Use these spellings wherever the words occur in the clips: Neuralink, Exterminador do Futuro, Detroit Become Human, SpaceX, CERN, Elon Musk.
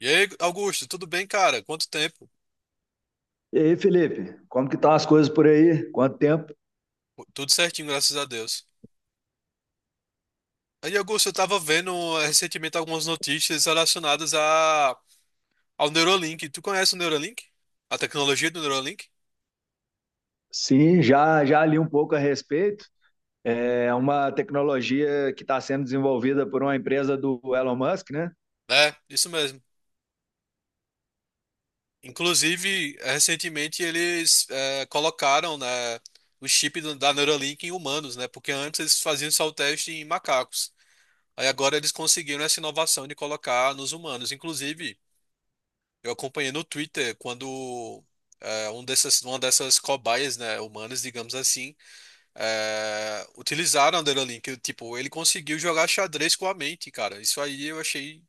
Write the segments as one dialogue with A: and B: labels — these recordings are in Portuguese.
A: E aí, Augusto, tudo bem, cara? Quanto tempo?
B: E aí, Felipe, como que estão as coisas por aí? Quanto tempo?
A: Tudo certinho, graças a Deus. Aí, Augusto, eu tava vendo recentemente algumas notícias relacionadas a, ao Neuralink. Tu conhece o Neuralink? A tecnologia do Neuralink?
B: Sim, já li um pouco a respeito. É uma tecnologia que está sendo desenvolvida por uma empresa do Elon Musk, né?
A: É, isso mesmo. Inclusive, recentemente eles colocaram, né, o chip da Neuralink em humanos, né? Porque antes eles faziam só o teste em macacos. Aí agora eles conseguiram essa inovação de colocar nos humanos. Inclusive. Eu acompanhei no Twitter quando uma dessas cobaias, né, humanas, digamos assim, utilizaram a Neuralink. Tipo, ele conseguiu jogar xadrez com a mente, cara. Isso aí eu achei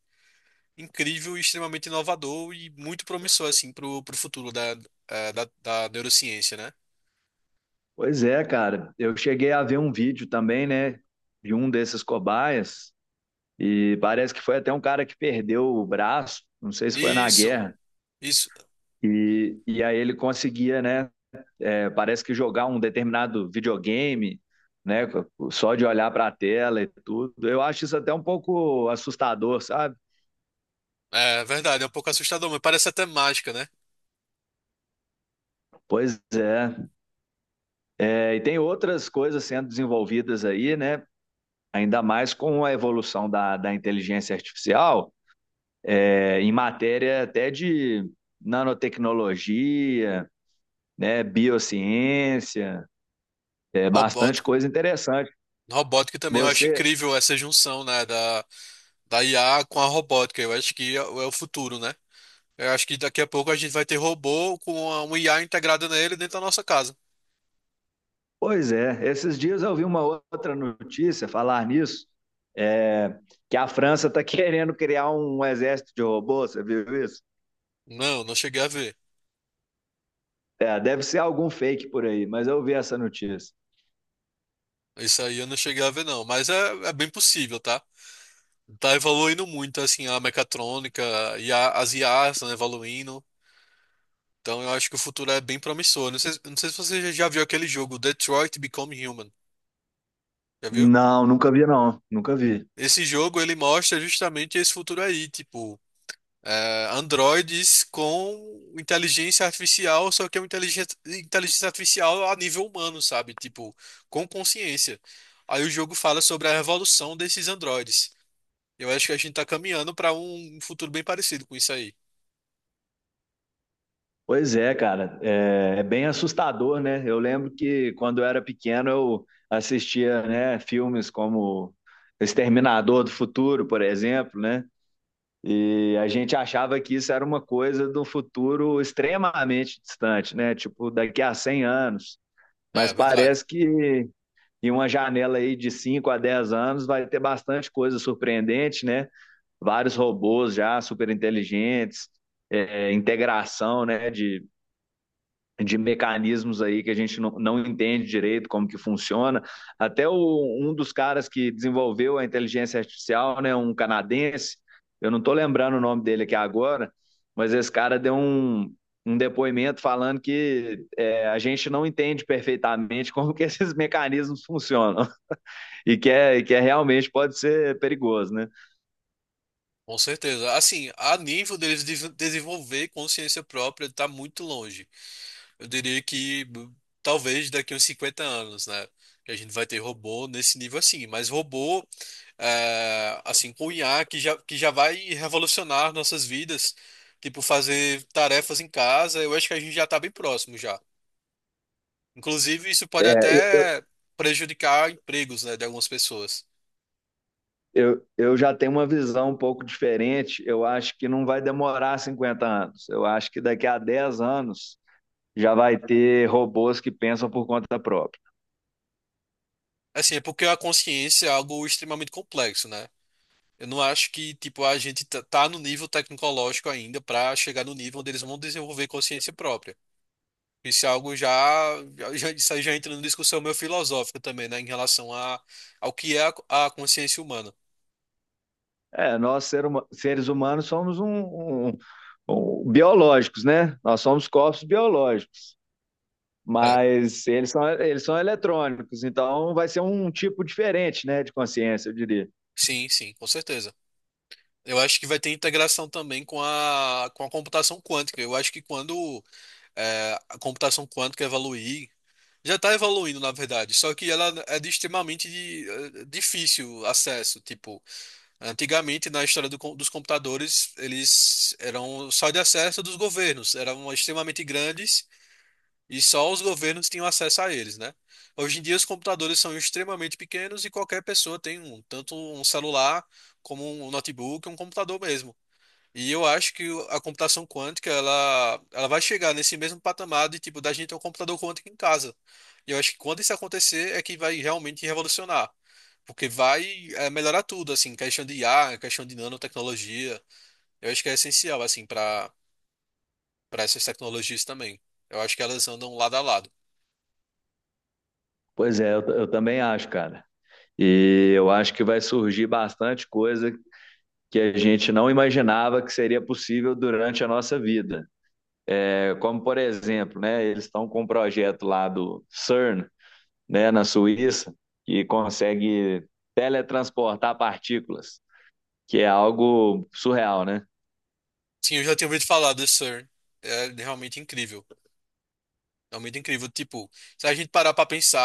A: incrível e extremamente inovador e muito promissor, assim, pro futuro da neurociência, né?
B: Pois é, cara. Eu cheguei a ver um vídeo também, né, de um desses cobaias e parece que foi até um cara que perdeu o braço, não sei se foi na
A: Isso,
B: guerra.
A: isso.
B: E aí ele conseguia, né? É, parece que jogar um determinado videogame, né, só de olhar para a tela e tudo, eu acho isso até um pouco assustador, sabe?
A: É verdade, é um pouco assustador, mas parece até mágica, né?
B: Pois é. É. E tem outras coisas sendo desenvolvidas aí, né? Ainda mais com a evolução da inteligência artificial, em matéria até de nanotecnologia, né, biociência, é bastante
A: Robótica.
B: coisa interessante.
A: Robótica também, eu acho
B: Você.
A: incrível essa junção, né, da IA com a robótica. Eu acho que é o futuro, né? Eu acho que daqui a pouco a gente vai ter robô com um IA integrado nele dentro da nossa casa.
B: Pois é, esses dias eu vi uma outra notícia falar nisso, é, que a França está querendo criar um exército de robôs, você viu isso?
A: Não, não cheguei a ver.
B: É, deve ser algum fake por aí, mas eu vi essa notícia.
A: Isso aí eu não cheguei a ver, não. Mas é, é bem possível, tá? Tá evoluindo muito, assim, a mecatrônica e as IAs estão evoluindo. Então eu acho que o futuro é bem promissor. Não sei, não sei se você já viu aquele jogo, Detroit Become Human. Já viu?
B: Não, nunca vi não, nunca vi.
A: Esse jogo, ele mostra justamente esse futuro aí, tipo... é, androides com inteligência artificial, só que é uma inteligência artificial a nível humano, sabe? Tipo, com consciência. Aí o jogo fala sobre a revolução desses androides. Eu acho que a gente tá caminhando para um futuro bem parecido com isso aí.
B: Pois é, cara, é bem assustador, né? Eu lembro que quando eu era pequeno eu assistia, né, filmes como Exterminador do Futuro, por exemplo, né? E a gente achava que isso era uma coisa do futuro extremamente distante, né? Tipo, daqui a 100 anos. Mas
A: É verdade,
B: parece que em uma janela aí de 5 a 10 anos vai ter bastante coisa surpreendente, né? Vários robôs já super inteligentes, integração né, de mecanismos aí que a gente não entende direito como que funciona. Até um dos caras que desenvolveu a inteligência artificial, né, um canadense, eu não estou lembrando o nome dele aqui agora, mas esse cara deu um depoimento falando a gente não entende perfeitamente como que esses mecanismos funcionam e que é realmente pode ser perigoso, né?
A: com certeza. Assim, a nível deles desenvolver consciência própria, tá muito longe. Eu diria que talvez daqui uns 50 anos, né? Que a gente vai ter robô nesse nível assim. Mas robô, é, assim, com IA que já vai revolucionar nossas vidas. Tipo, fazer tarefas em casa, eu acho que a gente já tá bem próximo já. Inclusive, isso pode
B: É, eu,
A: até prejudicar empregos, né, de algumas pessoas.
B: Eu, eu já tenho uma visão um pouco diferente. Eu acho que não vai demorar 50 anos. Eu acho que daqui a 10 anos já vai ter robôs que pensam por conta própria.
A: Assim, é porque a consciência é algo extremamente complexo, né? Eu não acho que, tipo, a gente tá no nível tecnológico ainda para chegar no nível onde eles vão desenvolver consciência própria. Isso é algo isso aí já entra numa discussão meio filosófica também, né, em relação a, ao que é a consciência humana.
B: É, seres humanos, somos biológicos, né? Nós somos corpos biológicos,
A: É,
B: mas eles são eletrônicos, então vai ser um tipo diferente, né, de consciência, eu diria.
A: sim, sim, com certeza. Eu acho que vai ter integração também com com a computação quântica. Eu acho que quando a computação quântica evoluir, já está evoluindo, na verdade, só que ela é de extremamente difícil acesso. Tipo, antigamente, na história dos computadores, eles eram só de acesso dos governos, eram extremamente grandes. E só os governos tinham acesso a eles, né? Hoje em dia, os computadores são extremamente pequenos e qualquer pessoa tem um, tanto um celular como um notebook, um computador mesmo. E eu acho que a computação quântica, ela vai chegar nesse mesmo patamar de, tipo, da gente ter um computador quântico em casa. E eu acho que quando isso acontecer é que vai realmente revolucionar. Porque vai, melhorar tudo, assim, questão de IA, questão de nanotecnologia. Eu acho que é essencial, assim, para essas tecnologias também. Eu acho que elas andam lado a lado.
B: Pois é, eu também acho, cara. E eu acho que vai surgir bastante coisa que a gente não imaginava que seria possível durante a nossa vida. É, como, por exemplo, né, eles estão com um projeto lá do CERN, né, na Suíça, que consegue teletransportar partículas, que é algo surreal, né?
A: Sim, eu já tinha ouvido falar do Sir. É realmente incrível. Realmente incrível. Tipo, se a gente parar pra pensar,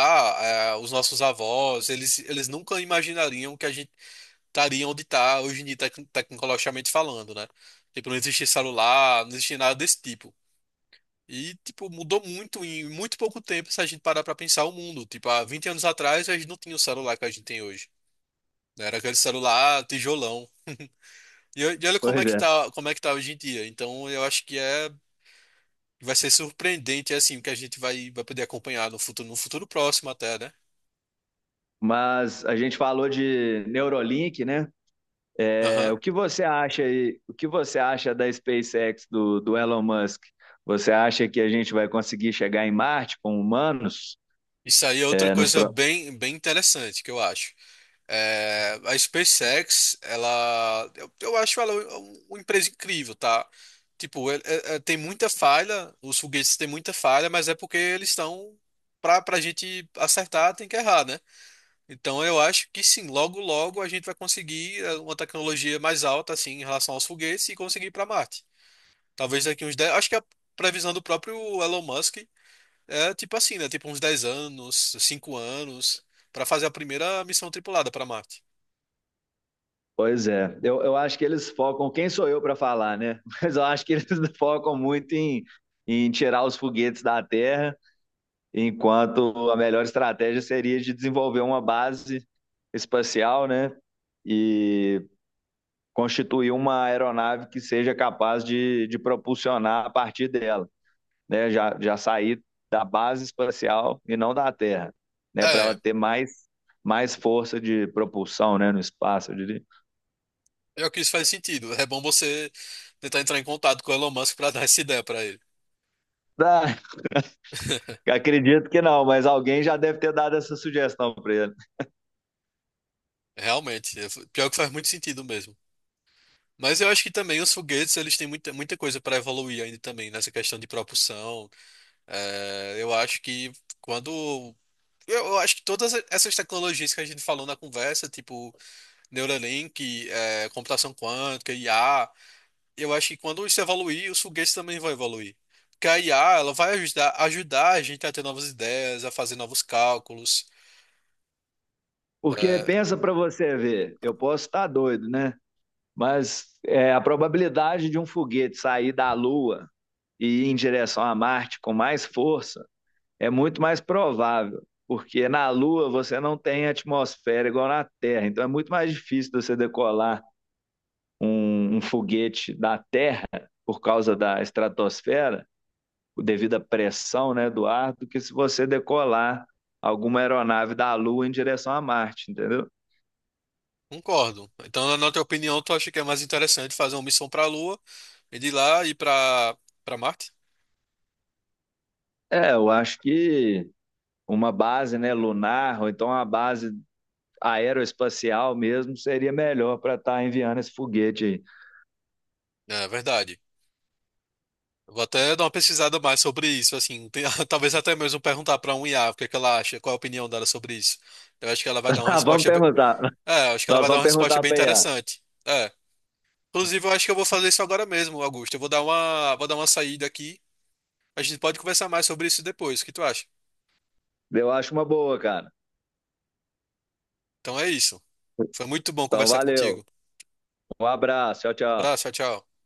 A: é, os nossos avós, eles nunca imaginariam que a gente estaria onde está hoje em dia, tecnologicamente falando, né? Tipo, não existia celular, não existia nada desse tipo. E, tipo, mudou muito em muito pouco tempo se a gente parar pra pensar o mundo. Tipo, há 20 anos atrás, a gente não tinha o celular que a gente tem hoje, né? Era aquele celular tijolão. E, e olha como é
B: Pois
A: que
B: é.
A: tá, como é que tá hoje em dia. Então, eu acho que é. E vai ser surpreendente, é assim, o que a gente vai poder acompanhar no futuro, no futuro próximo até, né?
B: Mas a gente falou de Neuralink, né? É,
A: Aham.
B: o que você acha aí, o que você acha da SpaceX do Elon Musk? Você acha que a gente vai conseguir chegar em Marte com humanos?
A: Isso aí é outra
B: é, nos,
A: coisa bem, bem interessante que eu acho. É, a SpaceX, eu acho ela uma empresa incrível, tá? Tipo, tem muita falha, os foguetes têm muita falha, mas é porque eles estão para a gente acertar, tem que errar, né? Então eu acho que sim, logo logo a gente vai conseguir é, uma tecnologia mais alta assim em relação aos foguetes e conseguir ir para Marte. Talvez daqui uns dez. Acho que a previsão do próprio Elon Musk é tipo assim, né? Tipo uns 10 anos, 5 anos, para fazer a primeira missão tripulada para Marte.
B: Pois é, eu acho que eles focam, quem sou eu para falar, né? Mas eu acho que eles focam muito em tirar os foguetes da Terra, enquanto a melhor estratégia seria de desenvolver uma base espacial, né? E constituir uma aeronave que seja capaz de propulsionar a partir dela, né? Já sair da base espacial e não da Terra, né? Para
A: É,
B: ela ter mais força de propulsão, né? No espaço, eu diria.
A: eu que isso faz sentido. É bom você tentar entrar em contato com o Elon Musk para dar essa ideia para ele.
B: Tá. Acredito que não, mas alguém já deve ter dado essa sugestão para ele.
A: Realmente, é, pior que faz muito sentido mesmo. Mas eu acho que também os foguetes, eles têm muita, muita coisa para evoluir ainda também nessa questão de propulsão. É, eu acho que quando eu acho que todas essas tecnologias que a gente falou na conversa, tipo Neuralink, é, computação quântica, IA. Eu acho que quando isso evoluir, os foguetes também vão evoluir. Porque a IA, ela vai ajudar, ajudar a gente a ter novas ideias, a fazer novos cálculos.
B: Porque
A: É,
B: pensa para você ver, eu posso estar doido, né? Mas a probabilidade de um foguete sair da Lua e ir em direção a Marte com mais força é muito mais provável, porque na Lua você não tem atmosfera igual na Terra, então é muito mais difícil você decolar um foguete da Terra por causa da estratosfera devido à pressão, né, do ar, do que se você decolar alguma aeronave da Lua em direção a Marte, entendeu?
A: concordo. Então, na tua opinião, tu acha que é mais interessante fazer uma missão para a Lua e de lá ir para Marte?
B: É, eu acho que uma base, né, lunar, ou então uma base aeroespacial mesmo, seria melhor para estar enviando esse foguete aí.
A: É verdade. Eu vou até dar uma pesquisada mais sobre isso, assim, talvez até mesmo perguntar para um IA o que é que ela acha, qual a opinião dela sobre isso. Eu acho que ela vai dar uma
B: Ah, vamos
A: resposta.
B: perguntar.
A: É, acho que ela
B: Nós
A: vai dar
B: vamos
A: uma resposta
B: perguntar
A: bem
B: para IA.
A: interessante. É. Inclusive, eu acho que eu vou fazer isso agora mesmo, Augusto. Eu vou vou dar uma saída aqui. A gente pode conversar mais sobre isso depois. O que tu acha?
B: Eu acho uma boa, cara.
A: Então é isso. Foi muito bom
B: Então,
A: conversar
B: valeu.
A: contigo.
B: Um abraço. Tchau,
A: Um
B: tchau.
A: abraço, tchau, tchau.